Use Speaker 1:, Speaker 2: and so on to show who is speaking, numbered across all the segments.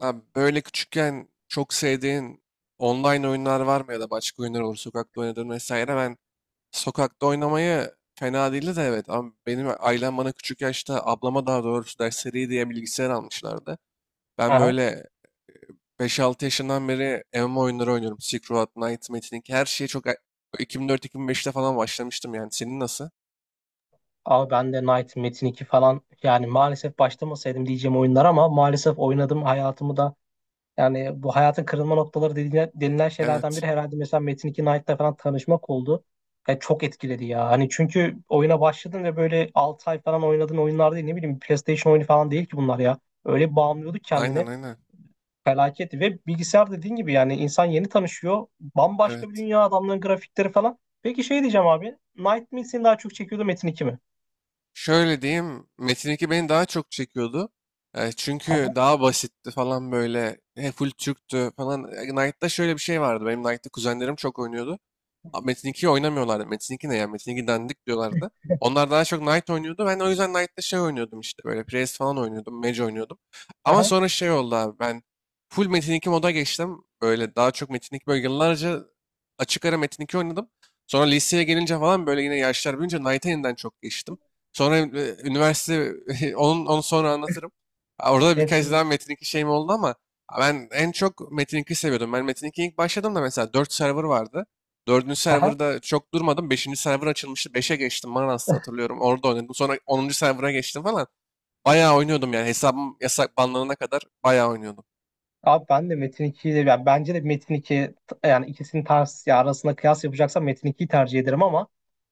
Speaker 1: Abi böyle küçükken çok sevdiğin online oyunlar var mı, ya da başka oyunlar, olur, sokakta oynadığın vesaire. Ben sokakta oynamayı fena değildi de evet, ama benim ailem bana küçük yaşta, ablama daha doğrusu, dersleri diye bilgisayar almışlardı. Ben
Speaker 2: Aha.
Speaker 1: böyle beş altı yaşından beri MMO oyunları oynuyorum. Silk Road, Knight, Metin Link, her şeyi çok 2004-2005'te falan başlamıştım yani. Senin nasıl?
Speaker 2: Abi ben de Knight, Metin 2 falan yani maalesef başlamasaydım diyeceğim oyunlar ama maalesef oynadım hayatımı da yani bu hayatın kırılma noktaları denilen şeylerden
Speaker 1: Evet.
Speaker 2: biri herhalde mesela Metin 2 Knight'la falan tanışmak oldu. Ya çok etkiledi ya. Hani çünkü oyuna başladın ve böyle 6 ay falan oynadığın oyunlar değil, ne bileyim, PlayStation oyunu falan değil ki bunlar ya. Öyle bağımlıyorduk
Speaker 1: Aynen
Speaker 2: kendini.
Speaker 1: aynen.
Speaker 2: Felaket. Ve bilgisayar dediğin gibi, yani insan yeni tanışıyor. Bambaşka bir
Speaker 1: Evet.
Speaker 2: dünya, adamların grafikleri falan. Peki şey diyeceğim abi, Knight mi seni daha çok çekiyordu, Metin 2 mi?
Speaker 1: Şöyle diyeyim, Metin 2 beni daha çok çekiyordu. E, çünkü daha basitti falan böyle. E, full Türktü falan. E, Knight'ta şöyle bir şey vardı. Benim Knight'ta kuzenlerim çok oynuyordu. Abi Metin 2'yi oynamıyorlardı. Metin 2 ne ya? Metin 2 dandik diyorlardı. Onlar daha çok Knight oynuyordu. Ben o yüzden Knight'ta şey oynuyordum, işte böyle Priest falan oynuyordum. Mage oynuyordum. Ama
Speaker 2: Aha,
Speaker 1: sonra şey oldu abi, ben full Metin 2 moda geçtim. Böyle daha çok Metin 2, böyle yıllarca açık ara Metin 2 oynadım. Sonra liseye gelince falan böyle yine yaşlar büyüyünce Knight'a yeniden çok geçtim. Sonra üniversite onu sonra anlatırım. Ha, orada da birkaç
Speaker 2: hepsini.
Speaker 1: daha Metin 2 şeyim oldu ama ben en çok Metin 2 seviyordum. Ben Metin 2'ye ilk başladım da, mesela 4 server vardı. Dördüncü
Speaker 2: Aha.
Speaker 1: serverda çok durmadım. Beşinci server açılmıştı. Beşe geçtim, Manas'ta hatırlıyorum. Orada oynadım. Sonra onuncu server'a geçtim falan. Bayağı oynuyordum yani. Hesabım yasak banlanana kadar bayağı oynuyordum.
Speaker 2: Abi ben de Metin 2'yi de, yani bence de Metin iki, yani ikisinin ters ya arasında kıyas yapacaksam Metin 2'yi tercih ederim ama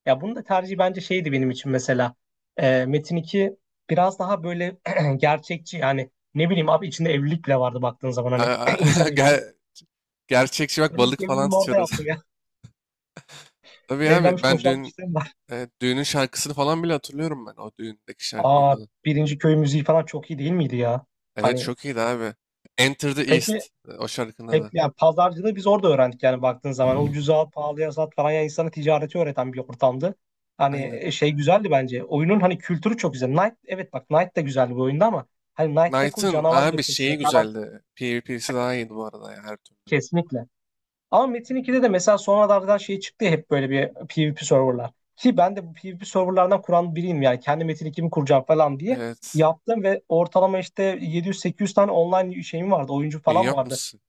Speaker 2: ya bunun da tercihi bence şeydi benim için mesela. Metin iki biraz daha böyle gerçekçi, yani ne bileyim abi, içinde evlilik bile vardı baktığın zaman, hani insan evleniyor.
Speaker 1: Ger- Gerçekçi bak,
Speaker 2: Ben
Speaker 1: balık
Speaker 2: ilk
Speaker 1: falan
Speaker 2: evliliğimi orada
Speaker 1: tutuyoruz.
Speaker 2: yaptım ya.
Speaker 1: Tabii abi,
Speaker 2: Evlenmiş
Speaker 1: ben dün
Speaker 2: boşanmışlığım var.
Speaker 1: düğünün şarkısını falan bile hatırlıyorum ben. O düğündeki şarkıyı
Speaker 2: Aa,
Speaker 1: falan.
Speaker 2: birinci köy müziği falan çok iyi değil miydi ya?
Speaker 1: Evet,
Speaker 2: Hani,
Speaker 1: çok iyiydi abi. Enter the
Speaker 2: peki.
Speaker 1: East. O şarkının
Speaker 2: Hep
Speaker 1: adı.
Speaker 2: yani pazarcılığı biz orada öğrendik yani baktığın zaman. Ucuza al, pahalıya sat falan, yani insana ticareti öğreten bir ortamdı. Hani
Speaker 1: Aynen.
Speaker 2: şey güzeldi bence. Oyunun hani kültürü çok güzel. Knight, evet, bak Knight de güzeldi bu oyunda ama hani Knight'taki o
Speaker 1: Knight'ın
Speaker 2: canavar
Speaker 1: abi şeyi
Speaker 2: yapısı falan,
Speaker 1: güzeldi. PvP'si daha iyiydi bu arada ya, her türlü.
Speaker 2: kesinlikle. Ama Metin ikide de mesela sonralardan şey çıktı ya, hep böyle bir PvP serverlar. Ki ben de bu PvP serverlardan kuran biriyim yani. Kendi Metin ikimi kuracağım falan diye
Speaker 1: Evet.
Speaker 2: yaptım ve ortalama işte 700-800 tane online şeyim vardı. Oyuncu
Speaker 1: İyi
Speaker 2: falan vardı.
Speaker 1: yapmışsın.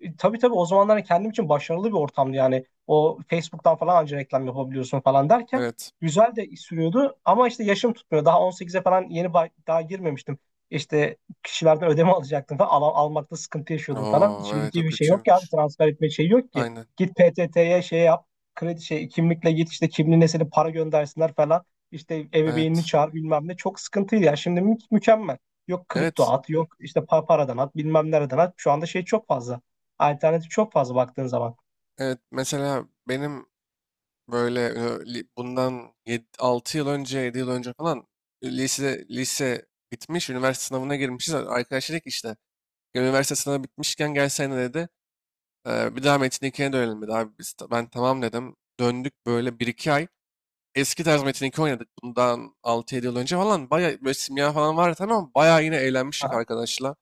Speaker 2: E, tabii tabii, o zamanlar kendim için başarılı bir ortamdı yani. O Facebook'tan falan anca reklam yapabiliyorsun falan derken
Speaker 1: Evet.
Speaker 2: güzel de sürüyordu ama işte yaşım tutmuyor. Daha 18'e falan yeni daha girmemiştim. İşte kişilerden ödeme alacaktım falan. Almakta sıkıntı yaşıyordum falan.
Speaker 1: Oo evet, o
Speaker 2: Şimdiki bir şey yok ki abi,
Speaker 1: kötüymüş.
Speaker 2: transfer etme şey yok ki.
Speaker 1: Aynen.
Speaker 2: Git PTT'ye şey yap, kredi şey, kimlikle git, işte kimliğine senin para göndersinler falan. İşte ebeveynini
Speaker 1: Evet.
Speaker 2: çağır, bilmem ne, çok sıkıntıydı ya. Şimdi mükemmel. Yok kripto
Speaker 1: Evet.
Speaker 2: at, yok işte paradan at, bilmem nereden at. Şu anda şey çok fazla. Alternatif çok fazla baktığın zaman.
Speaker 1: Evet, mesela benim böyle bundan 6 yıl önce, 7 yıl önce falan, lise lise bitmiş, üniversite sınavına girmişiz. Arkadaş dedi işte, "Ya üniversite sınavı bitmişken gelsene," dedi. "E, bir daha Metin 2'ye dönelim," dedi. Abi biz, ben tamam dedim. Döndük böyle bir iki ay. Eski tarz Metin 2 oynadık. Bundan altı yedi yıl önce falan. Bayağı böyle simya falan vardı, tamam mı? Bayağı yine eğlenmiştik
Speaker 2: Aha.
Speaker 1: arkadaşla.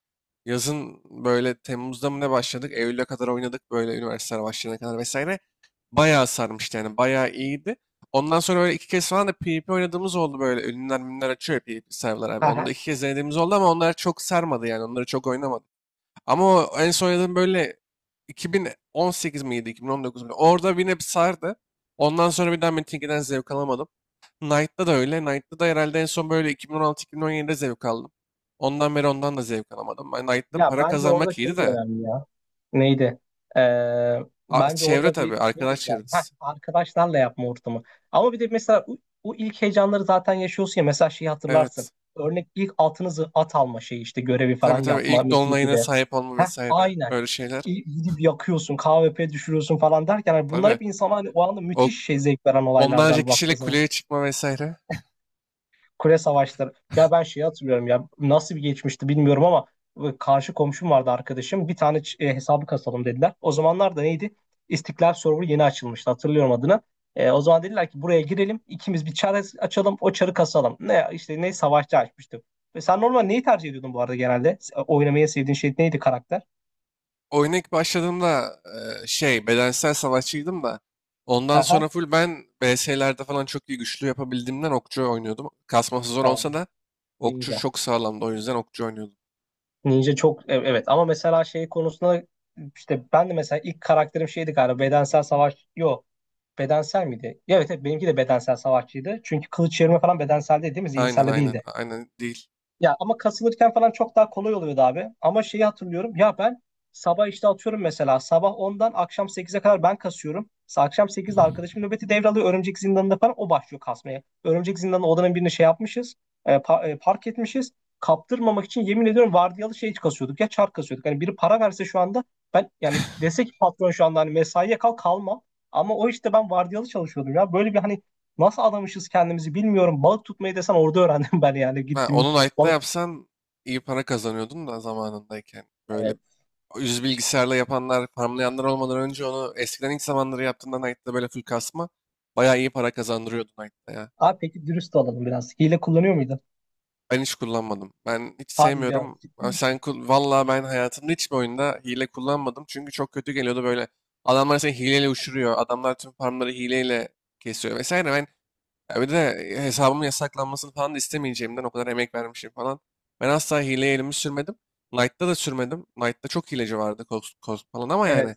Speaker 1: Yazın böyle Temmuz'da mı ne başladık? Eylül'e kadar oynadık, böyle üniversiteler başlayana kadar vesaire. Bayağı sarmıştı yani, bayağı iyiydi. Ondan sonra böyle iki kez falan da PvP oynadığımız oldu böyle. Ünlüler minler açıyor ya, PvP serverlar abi. Onu da
Speaker 2: Aha.
Speaker 1: iki kez denediğimiz oldu ama onlar çok sarmadı yani. Onları çok oynamadım. Ama o en son oynadığım böyle 2018 miydi, 2019 miydi? İki bin on dokuz muydu? Orada yine bir sardı. Ondan sonra bir daha Metin 2'den zevk alamadım. Knight'ta da öyle. Knight'ta da herhalde en son böyle 2016-2017'de zevk aldım. Ondan beri ondan da zevk alamadım. Ben Knight'ta
Speaker 2: Ya
Speaker 1: para
Speaker 2: bence orada
Speaker 1: kazanmak iyiydi
Speaker 2: şey de
Speaker 1: de.
Speaker 2: önemli ya. Neydi? Ee,
Speaker 1: A-
Speaker 2: bence
Speaker 1: çevre
Speaker 2: orada
Speaker 1: tabii,
Speaker 2: bir şey de
Speaker 1: arkadaş
Speaker 2: güzeldi. Heh,
Speaker 1: çevresi.
Speaker 2: arkadaşlarla yapma ortamı. Ama bir de mesela o ilk heyecanları zaten yaşıyorsun ya. Mesela şeyi
Speaker 1: Evet.
Speaker 2: hatırlarsın. Örnek, ilk altınızı at alma şeyi, işte görevi falan
Speaker 1: Tabii tabii,
Speaker 2: yapma
Speaker 1: ilk
Speaker 2: Metin
Speaker 1: dolunayına
Speaker 2: 2'de.
Speaker 1: sahip olma
Speaker 2: Heh,
Speaker 1: vesaire.
Speaker 2: aynen.
Speaker 1: Öyle şeyler.
Speaker 2: Gidip yakıyorsun, KVP düşürüyorsun falan derken, hani bunlar
Speaker 1: Tabii.
Speaker 2: hep insana hani o anda
Speaker 1: O,
Speaker 2: müthiş şey zevk veren
Speaker 1: onlarca
Speaker 2: olaylardan baktığı
Speaker 1: kişiyle
Speaker 2: zaman.
Speaker 1: kuleye çıkma vesaire.
Speaker 2: Kule savaşları. Ya ben şeyi hatırlıyorum ya, nasıl bir geçmişti bilmiyorum ama karşı komşum vardı, arkadaşım. Bir tane hesabı kasalım dediler. O zamanlar da neydi? İstiklal Server yeni açılmıştı, hatırlıyorum adını. E, o zaman dediler ki buraya girelim ikimiz, bir çar açalım, o çarı kasalım. Ne işte, ne savaşçı açmıştım. Ve sen normal neyi tercih ediyordun bu arada genelde? Oynamayı en sevdiğin şey neydi, karakter?
Speaker 1: Oyuna ilk başladığımda şey bedensel savaşçıydım da, ondan
Speaker 2: Aha.
Speaker 1: sonra full ben BS'lerde falan çok iyi güçlü yapabildiğimden okçu oynuyordum. Kasması zor
Speaker 2: Aa,
Speaker 1: olsa da okçu
Speaker 2: Ninja.
Speaker 1: çok sağlamdı, o yüzden okçu oynuyordum.
Speaker 2: Ninja çok evet ama mesela şey konusunda işte ben de mesela ilk karakterim şeydi galiba, bedensel savaş, yo, bedensel miydi? Evet, evet, benimki de bedensel savaşçıydı. Çünkü kılıç çevirme falan bedensel değil, değil mi?
Speaker 1: Aynen
Speaker 2: Zihinselde
Speaker 1: aynen
Speaker 2: değildi.
Speaker 1: aynen, değil.
Speaker 2: Ya ama kasılırken falan çok daha kolay oluyordu abi. Ama şeyi hatırlıyorum. Ya ben sabah işte atıyorum mesela. Sabah 10'dan akşam 8'e kadar ben kasıyorum. Akşam 8'de arkadaşım nöbeti devralıyor. Örümcek zindanında falan o başlıyor kasmaya. Örümcek zindanı odanın birini şey yapmışız. Park etmişiz. Kaptırmamak için, yemin ediyorum, vardiyalı şey kasıyorduk. Ya çark kasıyorduk. Hani biri para verse şu anda, ben yani, dese ki patron şu anda, hani mesaiye kalmam. Ama o işte ben vardiyalı çalışıyordum ya. Böyle bir, hani nasıl adamışız kendimizi bilmiyorum. Balık tutmayı desen orada öğrendim ben, yani
Speaker 1: Ha,
Speaker 2: gittim.
Speaker 1: onu Knight'ta yapsan iyi para kazanıyordun da zamanındayken. Böyle
Speaker 2: Evet.
Speaker 1: yüz bilgisayarla yapanlar, farmlayanlar olmadan önce, onu eskiden ilk zamanları yaptığında Knight'ta böyle full kasma bayağı iyi para kazandırıyordu Knight'ta ya.
Speaker 2: Abi peki dürüst olalım biraz. Hile kullanıyor muydun?
Speaker 1: Ben hiç kullanmadım. Ben hiç
Speaker 2: Hadi canım.
Speaker 1: sevmiyorum.
Speaker 2: Ciddi
Speaker 1: Ama sen
Speaker 2: misin?
Speaker 1: kul vallahi, ben hayatımda hiçbir oyunda hile kullanmadım. Çünkü çok kötü geliyordu böyle. Adamlar seni hileyle uçuruyor. Adamlar tüm farmları hileyle kesiyor vesaire. Ben, ya bir de hesabımın yasaklanmasını falan da istemeyeceğimden, o kadar emek vermişim falan. Ben asla hileye elimi sürmedim. Knight'ta da sürmedim. Knight'ta çok hileci vardı, Cost, Cost falan ama
Speaker 2: Evet.
Speaker 1: yani.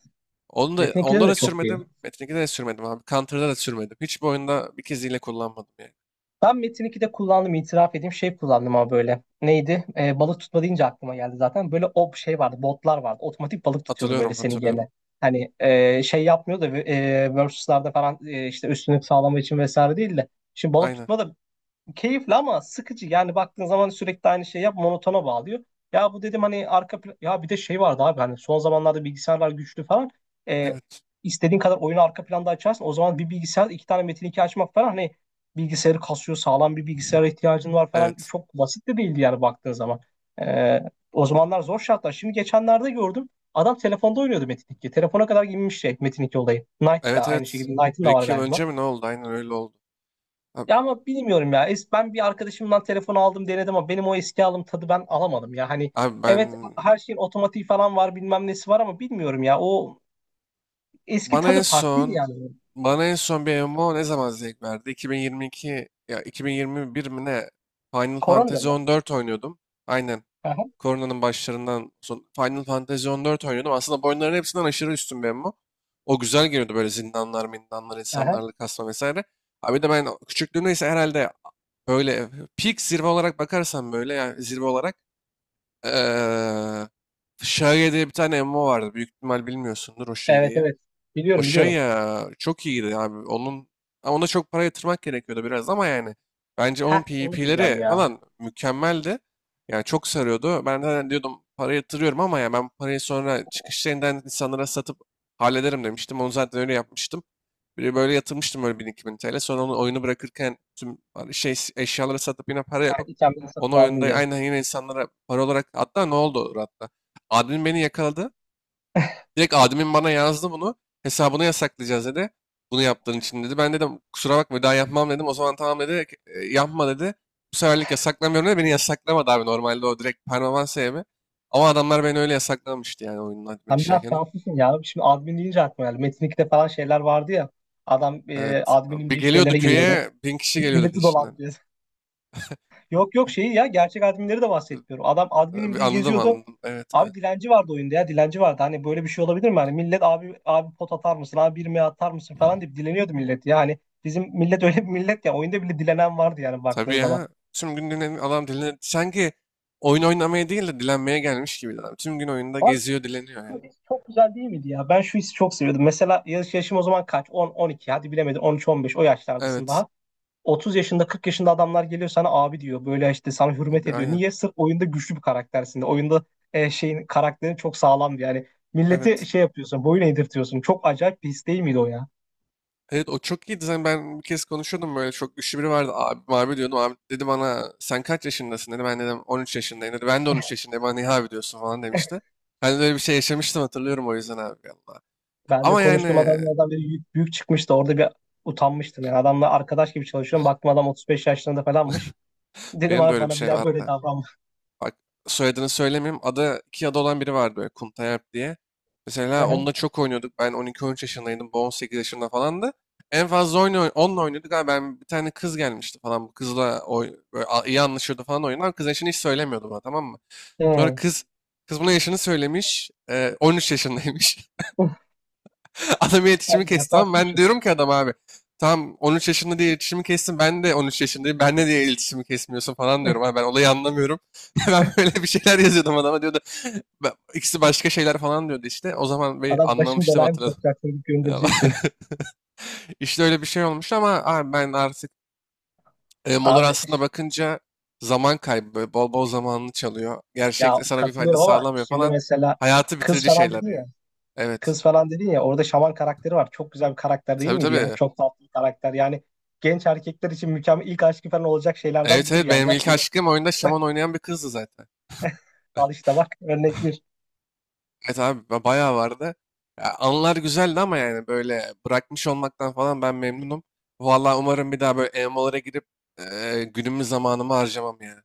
Speaker 1: Onu da,
Speaker 2: Metin 2'de
Speaker 1: onda
Speaker 2: de
Speaker 1: da
Speaker 2: çok diyor.
Speaker 1: sürmedim. Metin 2'de de sürmedim abi. Counter'da da sürmedim. Hiçbir oyunda bir kez hile kullanmadım yani.
Speaker 2: Ben Metin 2'de kullandım, itiraf edeyim, şey kullandım ama böyle. Neydi? Balık tutma deyince aklıma geldi zaten. Böyle o şey vardı, botlar vardı. Otomatik balık tutuyordu böyle
Speaker 1: Hatırlıyorum
Speaker 2: seni
Speaker 1: hatırlıyorum.
Speaker 2: gene. Hani şey yapmıyordu, versus'larda falan, işte üstünlük sağlamak için vesaire değil de. Şimdi balık
Speaker 1: Aynen.
Speaker 2: tutma da keyifli ama sıkıcı. Yani baktığın zaman sürekli aynı şeyi yap, monotona bağlıyor. Ya bu dedim hani arka plan, ya bir de şey vardı abi, hani son zamanlarda bilgisayarlar güçlü falan. Ee,
Speaker 1: Evet.
Speaker 2: istediğin kadar oyunu arka planda açarsın. O zaman bir bilgisayar iki tane Metin 2 açmak falan, hani bilgisayarı kasıyor, sağlam bir bilgisayara ihtiyacın var falan.
Speaker 1: Evet.
Speaker 2: Çok basit de değildi yani baktığın zaman. Ee, O zamanlar zor şartlar. Şimdi geçenlerde gördüm. Adam telefonda oynuyordu Metin 2. Telefona kadar inmiş şey, Metin 2 olayı. Knight da
Speaker 1: Evet
Speaker 2: aynı
Speaker 1: evet.
Speaker 2: şekilde. Knight'ın
Speaker 1: Bir
Speaker 2: da var
Speaker 1: iki yıl
Speaker 2: galiba.
Speaker 1: önce mi ne oldu? Aynen öyle oldu. Abi,
Speaker 2: Ya ama bilmiyorum ya. Ben bir arkadaşımdan telefon aldım, denedim ama benim o eski aldığım tadı ben alamadım ya. Hani
Speaker 1: abi ben
Speaker 2: evet, her şeyin otomatiği falan var, bilmem nesi var ama bilmiyorum ya. O eski
Speaker 1: bana en
Speaker 2: tadı farklıydı
Speaker 1: son
Speaker 2: yani.
Speaker 1: bana en son bir MMO ne zaman zevk verdi? 2022 ya 2021 mi ne? Final
Speaker 2: Korona da
Speaker 1: Fantasy
Speaker 2: mı?
Speaker 1: 14 oynuyordum. Aynen.
Speaker 2: Aha.
Speaker 1: Koronanın başlarından son Final Fantasy 14 oynuyordum. Aslında bu oyunların hepsinden aşırı üstün bir MMO. O güzel geliyordu böyle, zindanlar, mindanlar,
Speaker 2: Aha.
Speaker 1: insanlarla kasma vesaire. Abi de ben küçüklüğümde ise herhalde böyle peak, zirve olarak bakarsam böyle, yani zirve olarak Eee Şage'ye diye bir tane MMO vardı. Büyük ihtimal bilmiyorsundur o
Speaker 2: Evet,
Speaker 1: Şage'yi.
Speaker 2: evet.
Speaker 1: O
Speaker 2: Biliyorum,
Speaker 1: şey
Speaker 2: biliyorum.
Speaker 1: ya, çok iyiydi abi. Onun, ama ona çok para yatırmak gerekiyordu biraz ama yani, bence onun
Speaker 2: Heh, onu diyeceğim
Speaker 1: PvP'leri
Speaker 2: ya.
Speaker 1: falan mükemmeldi. Yani çok sarıyordu. Ben de hani diyordum para yatırıyorum ama, ya ben parayı sonra çıkış yerinden insanlara satıp hallederim demiştim. Onu zaten öyle yapmıştım. Bir böyle yatırmıştım böyle 1000-2000 TL. Sonra onu, oyunu bırakırken tüm şey, eşyaları satıp yine para
Speaker 2: Ha,
Speaker 1: yapıp
Speaker 2: İken beni
Speaker 1: onu
Speaker 2: satıp
Speaker 1: oyunda
Speaker 2: aldın gene.
Speaker 1: aynen yine insanlara para olarak, hatta ne oldu hatta, admin beni yakaladı. Direkt admin bana yazdı bunu. Hesabını yasaklayacağız dedi. Bunu yaptığın için dedi. Ben dedim kusura bakma, bir daha yapmam dedim. O zaman tamam dedi. "E, yapma," dedi. "Bu seferlik yasaklamıyorum," dedi. Beni yasaklamadı abi, normalde o direkt permanent sevme. Ama adamlar beni öyle yasaklamıştı yani oyunun admin
Speaker 2: Sen biraz
Speaker 1: işlerken.
Speaker 2: şanslısın ya. Şimdi admin deyince aklıma geldi. Metin 2'de falan şeyler vardı ya. Adam
Speaker 1: Evet.
Speaker 2: adminim
Speaker 1: Bir
Speaker 2: diye
Speaker 1: geliyordu
Speaker 2: şeylere giriyordu.
Speaker 1: köye, bin kişi geliyordu
Speaker 2: Milleti
Speaker 1: peşinden.
Speaker 2: dolandırıyor. Yok, yok, şeyi ya, gerçek adminleri de bahsetmiyorum. Adam adminim
Speaker 1: E,
Speaker 2: diye
Speaker 1: anladım
Speaker 2: geziyordu.
Speaker 1: anladım. Evet evet.
Speaker 2: Abi dilenci vardı oyunda ya, dilenci vardı. Hani böyle bir şey olabilir mi? Hani millet, "Abi abi, pot atar mısın? Abi bir mi atar mısın?" falan deyip dileniyordu millet. Yani bizim millet öyle bir millet ya, oyunda bile dilenen vardı yani
Speaker 1: Tabii
Speaker 2: baktığın zaman.
Speaker 1: ya. Tüm gün dinlen adam, dilen, sanki oyun oynamaya değil de dilenmeye gelmiş gibiydi adam. Tüm gün oyunda
Speaker 2: Abi
Speaker 1: geziyor, dileniyor ya.
Speaker 2: çok, çok güzel değil miydi ya? Ben şu hissi çok seviyordum. Mesela yaşım o zaman kaç? On, on iki, hadi bilemedim, on üç, on beş, o yaşlardasın
Speaker 1: Evet.
Speaker 2: daha. 30 yaşında, 40 yaşında adamlar geliyor sana abi diyor. Böyle işte sana hürmet ediyor.
Speaker 1: Aynen.
Speaker 2: Niye? Sırf oyunda güçlü bir karaktersin de. Oyunda şeyin, karakterin çok sağlamdı yani. Milleti
Speaker 1: Evet.
Speaker 2: şey yapıyorsun, boyun eğdirtiyorsun. Çok acayip bir his değil miydi o ya?
Speaker 1: Evet, o çok iyiydi. Zaten ben bir kez konuşuyordum böyle, çok güçlü biri vardı. Abi, abi diyordum. Abi dedi bana, sen kaç yaşındasın dedi. Ben dedim 13 yaşındayım dedi. Ben de 13 yaşındayım. Bana niye abi diyorsun falan demişti. Ben de öyle bir şey yaşamıştım, hatırlıyorum o yüzden abi. Allah.
Speaker 2: Ben de
Speaker 1: Ama
Speaker 2: konuştuğum
Speaker 1: yani
Speaker 2: adamlardan biri büyük, büyük çıkmıştı. Orada bir utanmıştım. Yani adamla arkadaş gibi çalışıyorum. Baktım adam 35 yaşlarında falanmış. Dedim
Speaker 1: benim de
Speaker 2: abi
Speaker 1: öyle bir
Speaker 2: bana bir
Speaker 1: şey
Speaker 2: daha böyle
Speaker 1: vardı.
Speaker 2: davranma.
Speaker 1: Bak, soyadını söylemeyeyim. Adı iki adı olan biri vardı böyle, Kuntayalp diye. Mesela onunla çok oynuyorduk. Ben 12-13 yaşındaydım. Bu 18 yaşında falandı. En fazla oyunu, onunla oynuyorduk. Abi ben, bir tane kız gelmişti falan. Bu kızla böyle iyi anlaşıyordu falan oyunlar. Kız yaşını hiç söylemiyordu bana, tamam mı? Sonra
Speaker 2: Hı.
Speaker 1: kız buna yaşını söylemiş. 13 yaşındaymış.
Speaker 2: Uf.
Speaker 1: Adamın iletişimi
Speaker 2: Abi
Speaker 1: kesti,
Speaker 2: yasal
Speaker 1: tamam mı?
Speaker 2: suç.
Speaker 1: Ben diyorum ki adam abi tamam 13 yaşında diye iletişimi kestin, ben de 13 yaşındayım, ben ne diye iletişimi kesmiyorsun falan diyorum. Abi ben olayı anlamıyorum. Ben böyle bir şeyler yazıyordum adama, diyordu, ikisi başka şeyler falan diyordu işte. O zaman bir
Speaker 2: Adam, "Başım
Speaker 1: anlamıştım,
Speaker 2: belaya mı
Speaker 1: hatırladım.
Speaker 2: sokacaksın?" deyip
Speaker 1: Ya,
Speaker 2: göndereceksin.
Speaker 1: İşte öyle bir şey olmuş ama abi ben artık Molor
Speaker 2: Abi,
Speaker 1: aslında bakınca zaman kaybı, böyle bol bol zamanını çalıyor.
Speaker 2: ya
Speaker 1: Gerçekte sana bir fayda
Speaker 2: katılıyorum ama
Speaker 1: sağlamıyor
Speaker 2: şimdi
Speaker 1: falan.
Speaker 2: mesela
Speaker 1: Hayatı
Speaker 2: kız
Speaker 1: bitirici
Speaker 2: falan
Speaker 1: şeyler
Speaker 2: dedin
Speaker 1: yani.
Speaker 2: ya.
Speaker 1: Evet.
Speaker 2: Kız falan dedin ya, orada şaman karakteri var. Çok güzel bir karakter değil
Speaker 1: Tabii
Speaker 2: miydi ya?
Speaker 1: tabii.
Speaker 2: Çok tatlı bir karakter. Yani genç erkekler için mükemmel ilk aşkı falan olacak şeylerden
Speaker 1: Evet
Speaker 2: biriydi
Speaker 1: evet,
Speaker 2: yani.
Speaker 1: benim
Speaker 2: Ya
Speaker 1: ilk
Speaker 2: böyle,
Speaker 1: aşkım oyunda şaman oynayan bir kızdı zaten.
Speaker 2: al işte, bak, örnek
Speaker 1: Evet abi, bayağı vardı. Ya, anılar güzeldi ama yani, böyle bırakmış olmaktan falan ben memnunum. Vallahi umarım bir daha böyle MMO'lara girip günümü, zamanımı harcamam yani.